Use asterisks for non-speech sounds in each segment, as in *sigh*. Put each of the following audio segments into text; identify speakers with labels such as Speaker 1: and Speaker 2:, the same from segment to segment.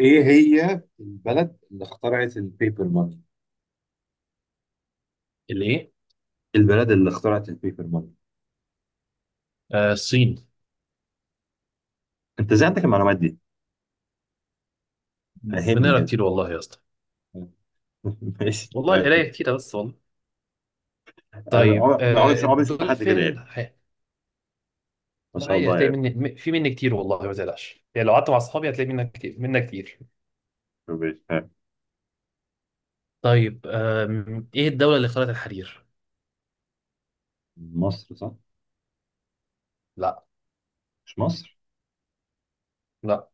Speaker 1: ايه هي البلد اللي اخترعت البيبر ماني؟
Speaker 2: الايه؟
Speaker 1: البلد اللي اخترعت البيبر ماني.
Speaker 2: آه، الصين.
Speaker 1: انت ازاي عندك المعلومات دي؟ فهمني
Speaker 2: بنقرا
Speaker 1: كده.
Speaker 2: كتير والله يا اسطى.
Speaker 1: *laughs* ماشي
Speaker 2: والله
Speaker 1: طيب.
Speaker 2: قرايه كتيره بس والله.
Speaker 1: انا
Speaker 2: طيب،
Speaker 1: عمري عمري عمري شفت حد كده،
Speaker 2: الدولفين
Speaker 1: يعني ما
Speaker 2: لا،
Speaker 1: شاء
Speaker 2: عادي
Speaker 1: الله،
Speaker 2: هتلاقي
Speaker 1: يعني
Speaker 2: مني في مني كتير، والله ما تقلقش يعني لو قعدت مع اصحابي هتلاقي منك كتير منك كتير.
Speaker 1: ماشي. ها.
Speaker 2: طيب، ايه الدوله اللي اخترعت الحرير؟
Speaker 1: مصر، صح؟
Speaker 2: لا.
Speaker 1: مش مصر.
Speaker 2: لا.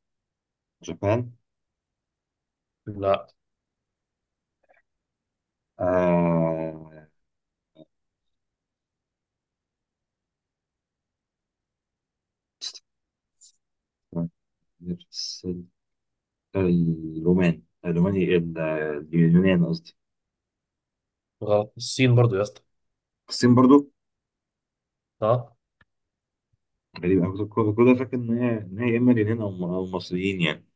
Speaker 1: جابان.
Speaker 2: لا.
Speaker 1: آه... نفس الرومان إيه؟ اليونان قصدي.
Speaker 2: غلط. الصين برضو يا اسطى.
Speaker 1: الصين برضو.
Speaker 2: اه.
Speaker 1: غريبة، انا كنت فاكر ان هي اما اليونان او أو مصريين يعني.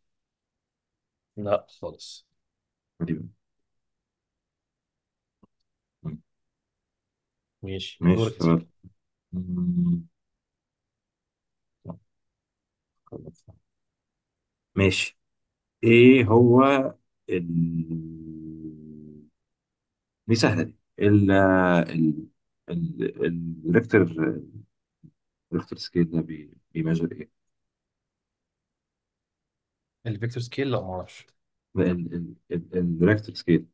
Speaker 2: لا خالص.
Speaker 1: غريبة.
Speaker 2: ماشي،
Speaker 1: ماشي
Speaker 2: دورك يا
Speaker 1: تمام.
Speaker 2: سيدي.
Speaker 1: مم. ماشي. ايه هو ال... دي سهله دي ال- الريكتر. الريكتر سكيل ده بيميجر ايه؟
Speaker 2: الفيكتور سكيل؟ لا، ما اعرفش.
Speaker 1: ال... ال... ال... الريكتر سكيل.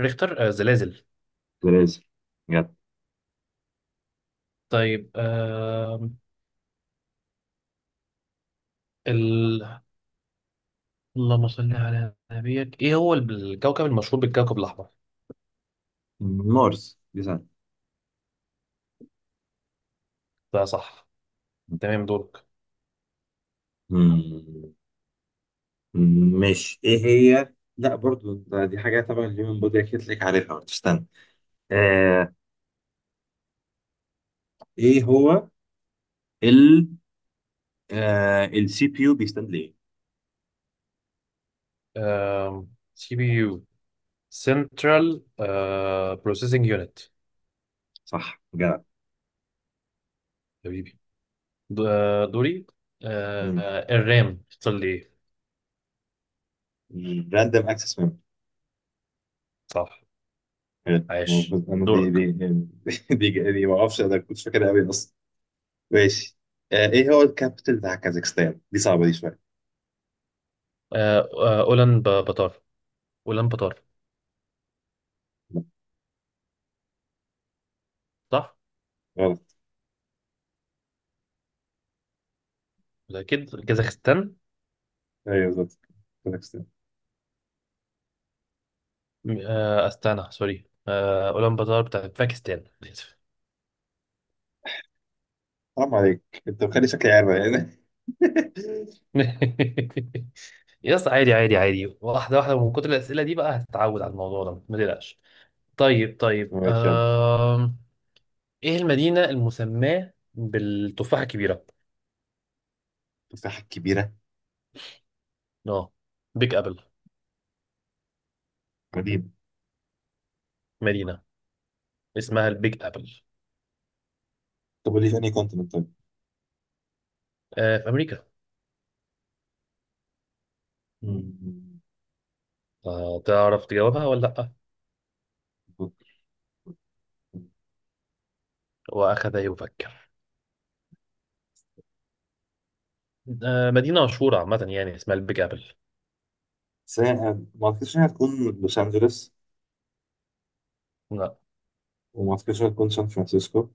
Speaker 2: ريختر، زلازل.
Speaker 1: بلازر؟ بجد.
Speaker 2: طيب، اللهم صل على نبيك، ايه هو الكوكب المشهور بالكوكب الاحمر؟
Speaker 1: مارس، دي سهله.
Speaker 2: ده صح. تمام، دورك.
Speaker 1: مم. ماشي، ايه هي؟ لا برضو دي حاجه تبع الهيومن بودي، اكيد لك عارفها، ما تستنى. آه... ايه هو ال السي بي يو بيستند ليه؟
Speaker 2: CPU؟ سنترال بروسيسنج يونت.
Speaker 1: صح جدع.
Speaker 2: حبيبي. دوري.
Speaker 1: مم.
Speaker 2: الرام اختصار ليه؟
Speaker 1: راندوم اكسس ميموري.
Speaker 2: صح.
Speaker 1: حلو
Speaker 2: عاش،
Speaker 1: موجود، انا دي
Speaker 2: دورك.
Speaker 1: دي دي دي دي ما اعرفش، انا كنت فاكرها قوي اصلا. ماشي. آه ايه هو الكابيتال بتاع كازاخستان؟ دي صعبه دي شويه.
Speaker 2: اولان بطار. اولان بطار،
Speaker 1: لا.
Speaker 2: صح؟
Speaker 1: غلط.
Speaker 2: ولا، اكيد كازاخستان.
Speaker 1: ايوه بالظبط، كازاخستان.
Speaker 2: استانا، سوري، اولان بطار بتاع باكستان. *laughs*
Speaker 1: حرام عليك، انت مخلي شكلي عارف يعني. *laughs*
Speaker 2: *laughs* يا اسطى، عادي عادي عادي، واحدة واحدة، ومن كتر الأسئلة دي بقى هتتعود على الموضوع ده، ما تقلقش. طيب، طيب.
Speaker 1: ماشي يلا.
Speaker 2: ايه المدينة المسماة بالتفاحة الكبيرة؟
Speaker 1: تفاحه كبيره.
Speaker 2: اه، بيج أبل.
Speaker 1: قديمه.
Speaker 2: مدينة اسمها البيج أبل.
Speaker 1: طب قول لي تاني كونتيننت طيب.
Speaker 2: في أمريكا.
Speaker 1: مم.
Speaker 2: تعرف تجاوبها ولا لأ؟ وأخذ يفكر. مدينة مشهورة عامة يعني، اسمها البيج أبل.
Speaker 1: بس هي- ما اعتقدش انها هتكون لوس انجلوس.
Speaker 2: لا.
Speaker 1: وما اعتقدش انها هتكون سان فرانسيسكو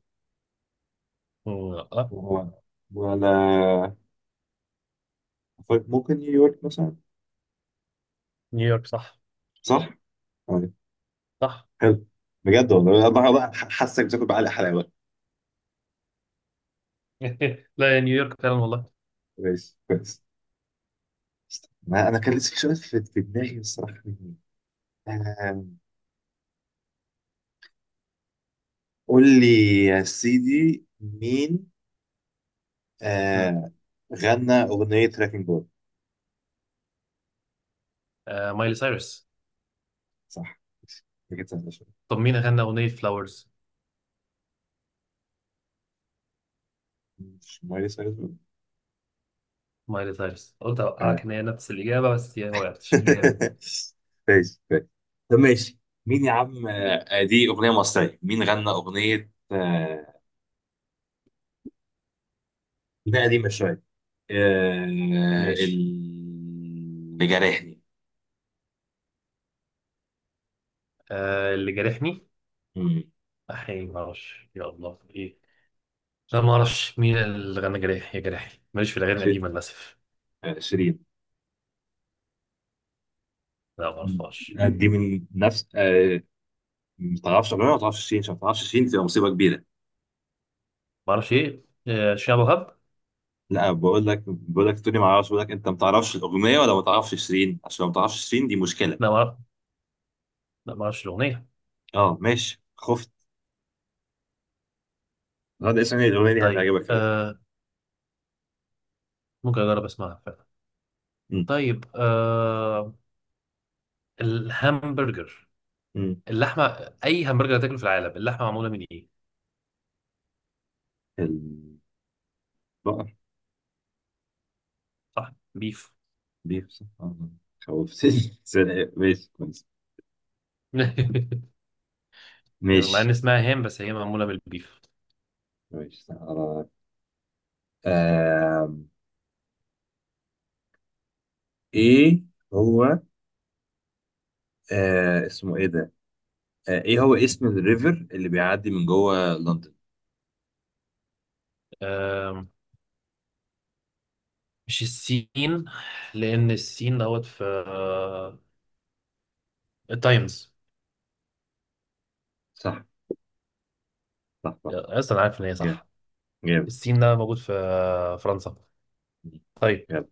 Speaker 2: لا.
Speaker 1: و- ولا. طيب، ممكن نيويورك مثلا.
Speaker 2: نيويورك صح.
Speaker 1: صح؟ طيب.
Speaker 2: صح.
Speaker 1: حلو. بجد والله، انا بقى حاسك بتاكل بعلق حلاوه.
Speaker 2: *laughs* لا، يا نيويورك فعلا والله.
Speaker 1: كويس كويس. ما انا كان لسه في سؤال في دماغي الصراحه. آم، قول لي يا سيدي. مين
Speaker 2: مم.
Speaker 1: آه غنى اغنيه تراكنج بول؟
Speaker 2: آه، مايلي سايرس.
Speaker 1: صح، كانت سهله شويه.
Speaker 2: طب مين غنى أغنية فلاورز؟
Speaker 1: مش مايلي سايرس بول؟
Speaker 2: مايلي سايرس، قلت
Speaker 1: آه.
Speaker 2: أوقعك إن هي نفس الإجابة بس هي ما وقعتش جامد.
Speaker 1: *laughs* كويس كويس. طب ماشي. مين يا عم، دي اغنيه مصريه، مين غنى اغنيه اغنيه قديمه شويه، آه،
Speaker 2: ماشي.
Speaker 1: اللي جرحني.
Speaker 2: آه، اللي جارحني.
Speaker 1: مم.
Speaker 2: أحيي، ما أعرفش يا الله إيه. لا، ما أعرفش مين اللي غنى جارحي يا جارحي، ماليش في الأغاني
Speaker 1: ش-
Speaker 2: القديمة للأسف.
Speaker 1: شيرين.
Speaker 2: لا، ما
Speaker 1: مم.
Speaker 2: أعرفهاش.
Speaker 1: دي من نفس ما تعرفش اغنيه، ما تعرفش شيرين؟ عشان ما تعرفش شيرين تبقى مصيبه كبيره.
Speaker 2: ما أعرفش إيه، شعب وهب.
Speaker 1: لا بقول لك، بقول لك تقولي ما اعرفش، بقول لك انت ما تعرفش الاغنيه ولا ما تعرفش شيرين؟ عشان لو ما تعرفش شيرين دي مشكله.
Speaker 2: لا ما أعرف. لا، ما أعرفش الأغنية.
Speaker 1: اه ماشي، خفت. هذا اسم إيه؟ الاغنيه دي
Speaker 2: طيب،
Speaker 1: هتعجبك قوي.
Speaker 2: ممكن أجرب أسمعها فعلا.
Speaker 1: مم.
Speaker 2: طيب، الهامبرجر.
Speaker 1: مم.
Speaker 2: اللحمة، أي همبرجر هتاكله في العالم اللحمة معمولة من إيه؟
Speaker 1: البقر.
Speaker 2: صح، بيف.
Speaker 1: بيفصح خوفتني. *laughs* ماشي كويس.
Speaker 2: *laughs* يعني مع ان
Speaker 1: ماشي.
Speaker 2: اسمها هام، بس هي معموله بالبيف.
Speaker 1: ماشي. آه. ايه هو، اسمه ايه ده، ايه هو اسم الريفر اللي بيعدي من جوه لندن؟
Speaker 2: آم، مش السين. لان السين دوت في التايمز.
Speaker 1: صح. صح صح.
Speaker 2: اصلا أنا عارف ان هي
Speaker 1: جامد.
Speaker 2: صح.
Speaker 1: جامد
Speaker 2: السين ده موجود في فرنسا. طيب،
Speaker 1: جامد.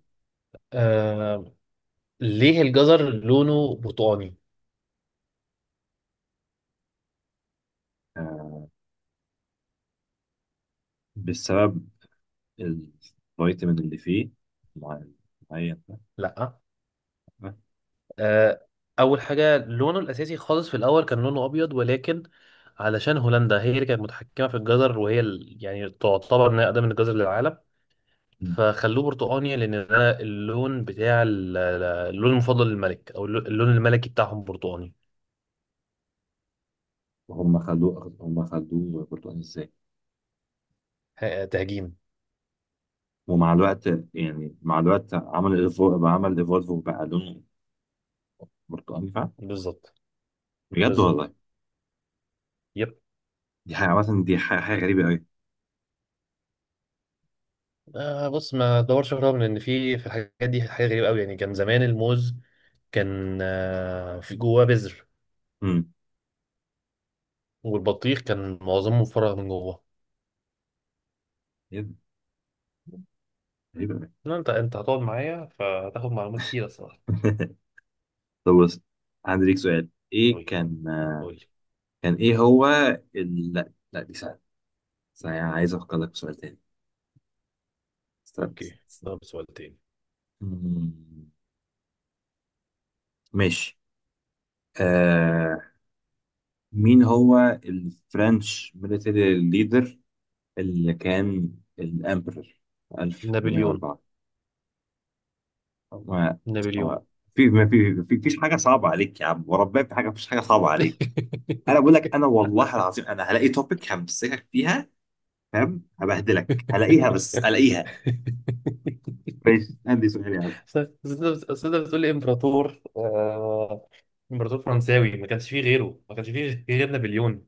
Speaker 2: آم، ليه الجزر لونه برتقاني؟
Speaker 1: آه بسبب الفيتامين اللي فيه، مع- معين.
Speaker 2: لا. آه، اول حاجه، لونه الاساسي خالص في الاول كان لونه ابيض، ولكن علشان هولندا هي اللي كانت متحكمه في الجزر، وهي يعني تعتبر انها اقدم من الجزر للعالم. فخلوه برتقاني، لان انا اللون بتاع اللون المفضل للملك، او اللون الملكي بتاعهم برتقاني.
Speaker 1: هم خلوه، هم خلوه برتقاني ازاي؟
Speaker 2: تهجيم.
Speaker 1: ومع الوقت، يعني مع الوقت، عمل ايفولف، عمل ايفولف، وبقى لونه برتقاني فعلا.
Speaker 2: بالظبط.
Speaker 1: بجد
Speaker 2: بالظبط.
Speaker 1: والله.
Speaker 2: يب.
Speaker 1: دي حاجه مثلا، دي حاجه حاجة غريبه قوي.
Speaker 2: بص، ما دورش في، رغم ان في الحاجات دي حاجه غريبه قوي يعني، كان زمان الموز كان في جواه بذر.
Speaker 1: امم.
Speaker 2: والبطيخ كان معظمه مفرغ من جواه.
Speaker 1: غريبه قوي.
Speaker 2: لا، انت هتقعد معايا فهتاخد معلومات كتير الصراحه.
Speaker 1: *laughs* طب بص، عندي ليك سؤال. ايه
Speaker 2: قول لي،
Speaker 1: كان،
Speaker 2: قول لي.
Speaker 1: كان ايه هو لا لا دي سهلة، بس انا عايز افكر لك في سؤال تاني. استنى
Speaker 2: اوكي.
Speaker 1: استنى استنى.
Speaker 2: طب، سؤال تاني.
Speaker 1: مم، ماشي. آه... مين هو الفرنش ميليتري ليدر اللي كان الامبرر
Speaker 2: نابليون.
Speaker 1: 1804؟ هو.
Speaker 2: نابليون.
Speaker 1: هو. في ما في ما في في- فيش حاجة صعبة عليك يا عم وربنا، في حاجة مفيش حاجة صعبة عليك. انا بقول لك، انا
Speaker 2: *laughs*
Speaker 1: والله العظيم، انا هلاقي توبيك همسكك فيها، فاهم؟ هبهدلك، هلاقيها، بس هلاقيها. ماشي،
Speaker 2: *laughs*
Speaker 1: عندي سؤال يا عم.
Speaker 2: أصل أنت أصل أنت بتقول لي إمبراطور، إمبراطور فرنساوي ما كانش فيه غيره، ما كانش فيه غير نابليون.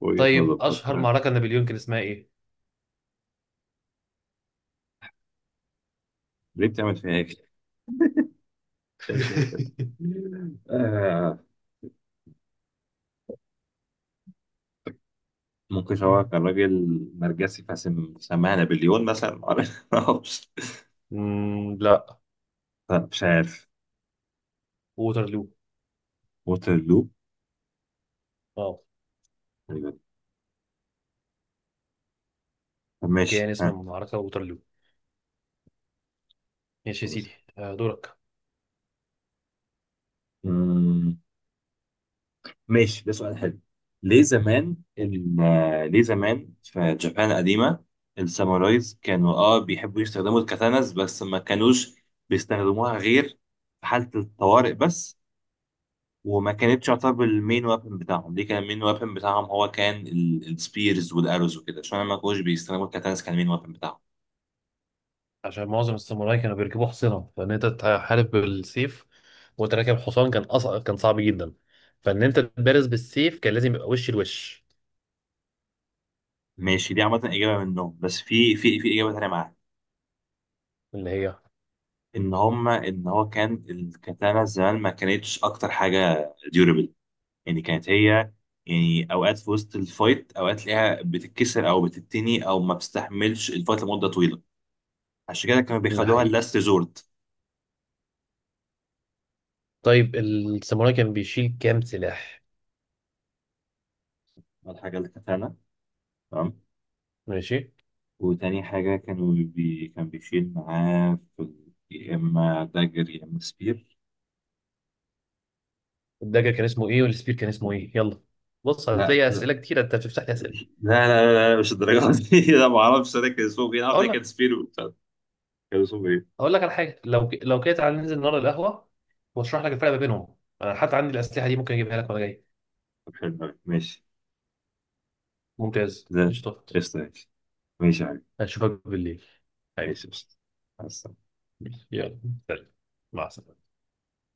Speaker 1: وجهة نظر
Speaker 2: طيب، أشهر
Speaker 1: بقى.
Speaker 2: معركة نابليون كان اسمها إيه؟
Speaker 1: ليه بتعمل فيها هيك؟ بتعمل فيها هيك؟
Speaker 2: *laughs*
Speaker 1: آه ممكن هو كان راجل نرجسي فسم سماها نابليون مثلا. *laughs* معرفش.
Speaker 2: مم، لا.
Speaker 1: لا، مش عارف.
Speaker 2: ووترلو.
Speaker 1: ووترلو.
Speaker 2: اه.
Speaker 1: تقريبا. طب ماشي.
Speaker 2: كان اسم
Speaker 1: ها.
Speaker 2: المعركة ووترلو. ماشي يا
Speaker 1: خلاص.
Speaker 2: سيدي. دورك.
Speaker 1: مم، ماشي، ده سؤال حلو. ليه زمان
Speaker 2: قول
Speaker 1: ليه زمان في جابان القديمة السامورايز كانوا
Speaker 2: لي.
Speaker 1: اه بيحبوا يستخدموا الكاتاناز، بس ما كانوش بيستخدموها غير في حالة الطوارئ بس. وما كانتش تعتبر المين وابن بتاعهم، دي كان المين وابن بتاعهم هو كان السبيرز والاروز وكده، عشان ما كانوش بيستخدموا الكاتانس. كان المين وابن بتاعهم.
Speaker 2: عشان معظم الساموراي كانوا بيركبوا حصينة، فان انت تحارب بالسيف وانت راكب حصان كان صعب جدا. فان انت تبارز بالسيف كان لازم يبقى وش لوش.
Speaker 1: ماشي، دي عامة إجابة منهم، بس في إجابة تانية معاها،
Speaker 2: اللي هي؟
Speaker 1: إن هما إن هو كان الكاتانا زمان ما كانتش أكتر حاجة ديورابل. يعني كانت هي يعني أوقات في وسط الفايت، أوقات تلاقيها بتتكسر أو بتتني أو ما بتستحملش الفايت لمدة طويلة. عشان كده كانوا
Speaker 2: ده
Speaker 1: بيخدوها
Speaker 2: حقيقي.
Speaker 1: اللاست ريزورت.
Speaker 2: طيب، الساموراي كان بيشيل كام سلاح؟
Speaker 1: الحاجة الكاتانا، تمام.
Speaker 2: ماشي.
Speaker 1: وتاني حاجة كانوا كان بيشيل معاه في يا إما دagger يا إما سبير.
Speaker 2: الدagger كان اسمه ايه والسبير كان اسمه ايه؟ يلا. بص،
Speaker 1: لا
Speaker 2: هتلاقي
Speaker 1: لا.
Speaker 2: اسئله كتير انت، بتفتح لي اسئله.
Speaker 1: لا لا, لا, لا مش الدرجة دي. *laughs* أنا ما أعرفش أنا كان اسمه إيه، أنا عارف إن
Speaker 2: اقول
Speaker 1: كان
Speaker 2: لك،
Speaker 1: سبير وبتاع. كان اسمه إيه؟
Speaker 2: اقول لك على حاجه، لو لو كده تعالى ننزل النهارده القهوه، واشرح لك الفرق ما بينهم. انا حتى عندي الاسلحه دي ممكن اجيبها لك وانا جاي.
Speaker 1: طب حلو أوي. ماشي.
Speaker 2: ممتاز،
Speaker 1: ده
Speaker 2: قشطه.
Speaker 1: قشطة. ماشي. ماشي يا حبيبي.
Speaker 2: اشوفك بالليل،
Speaker 1: ماشي
Speaker 2: حبيبي.
Speaker 1: قشطة. مع السلامة.
Speaker 2: يلا، سلام. مع السلامة.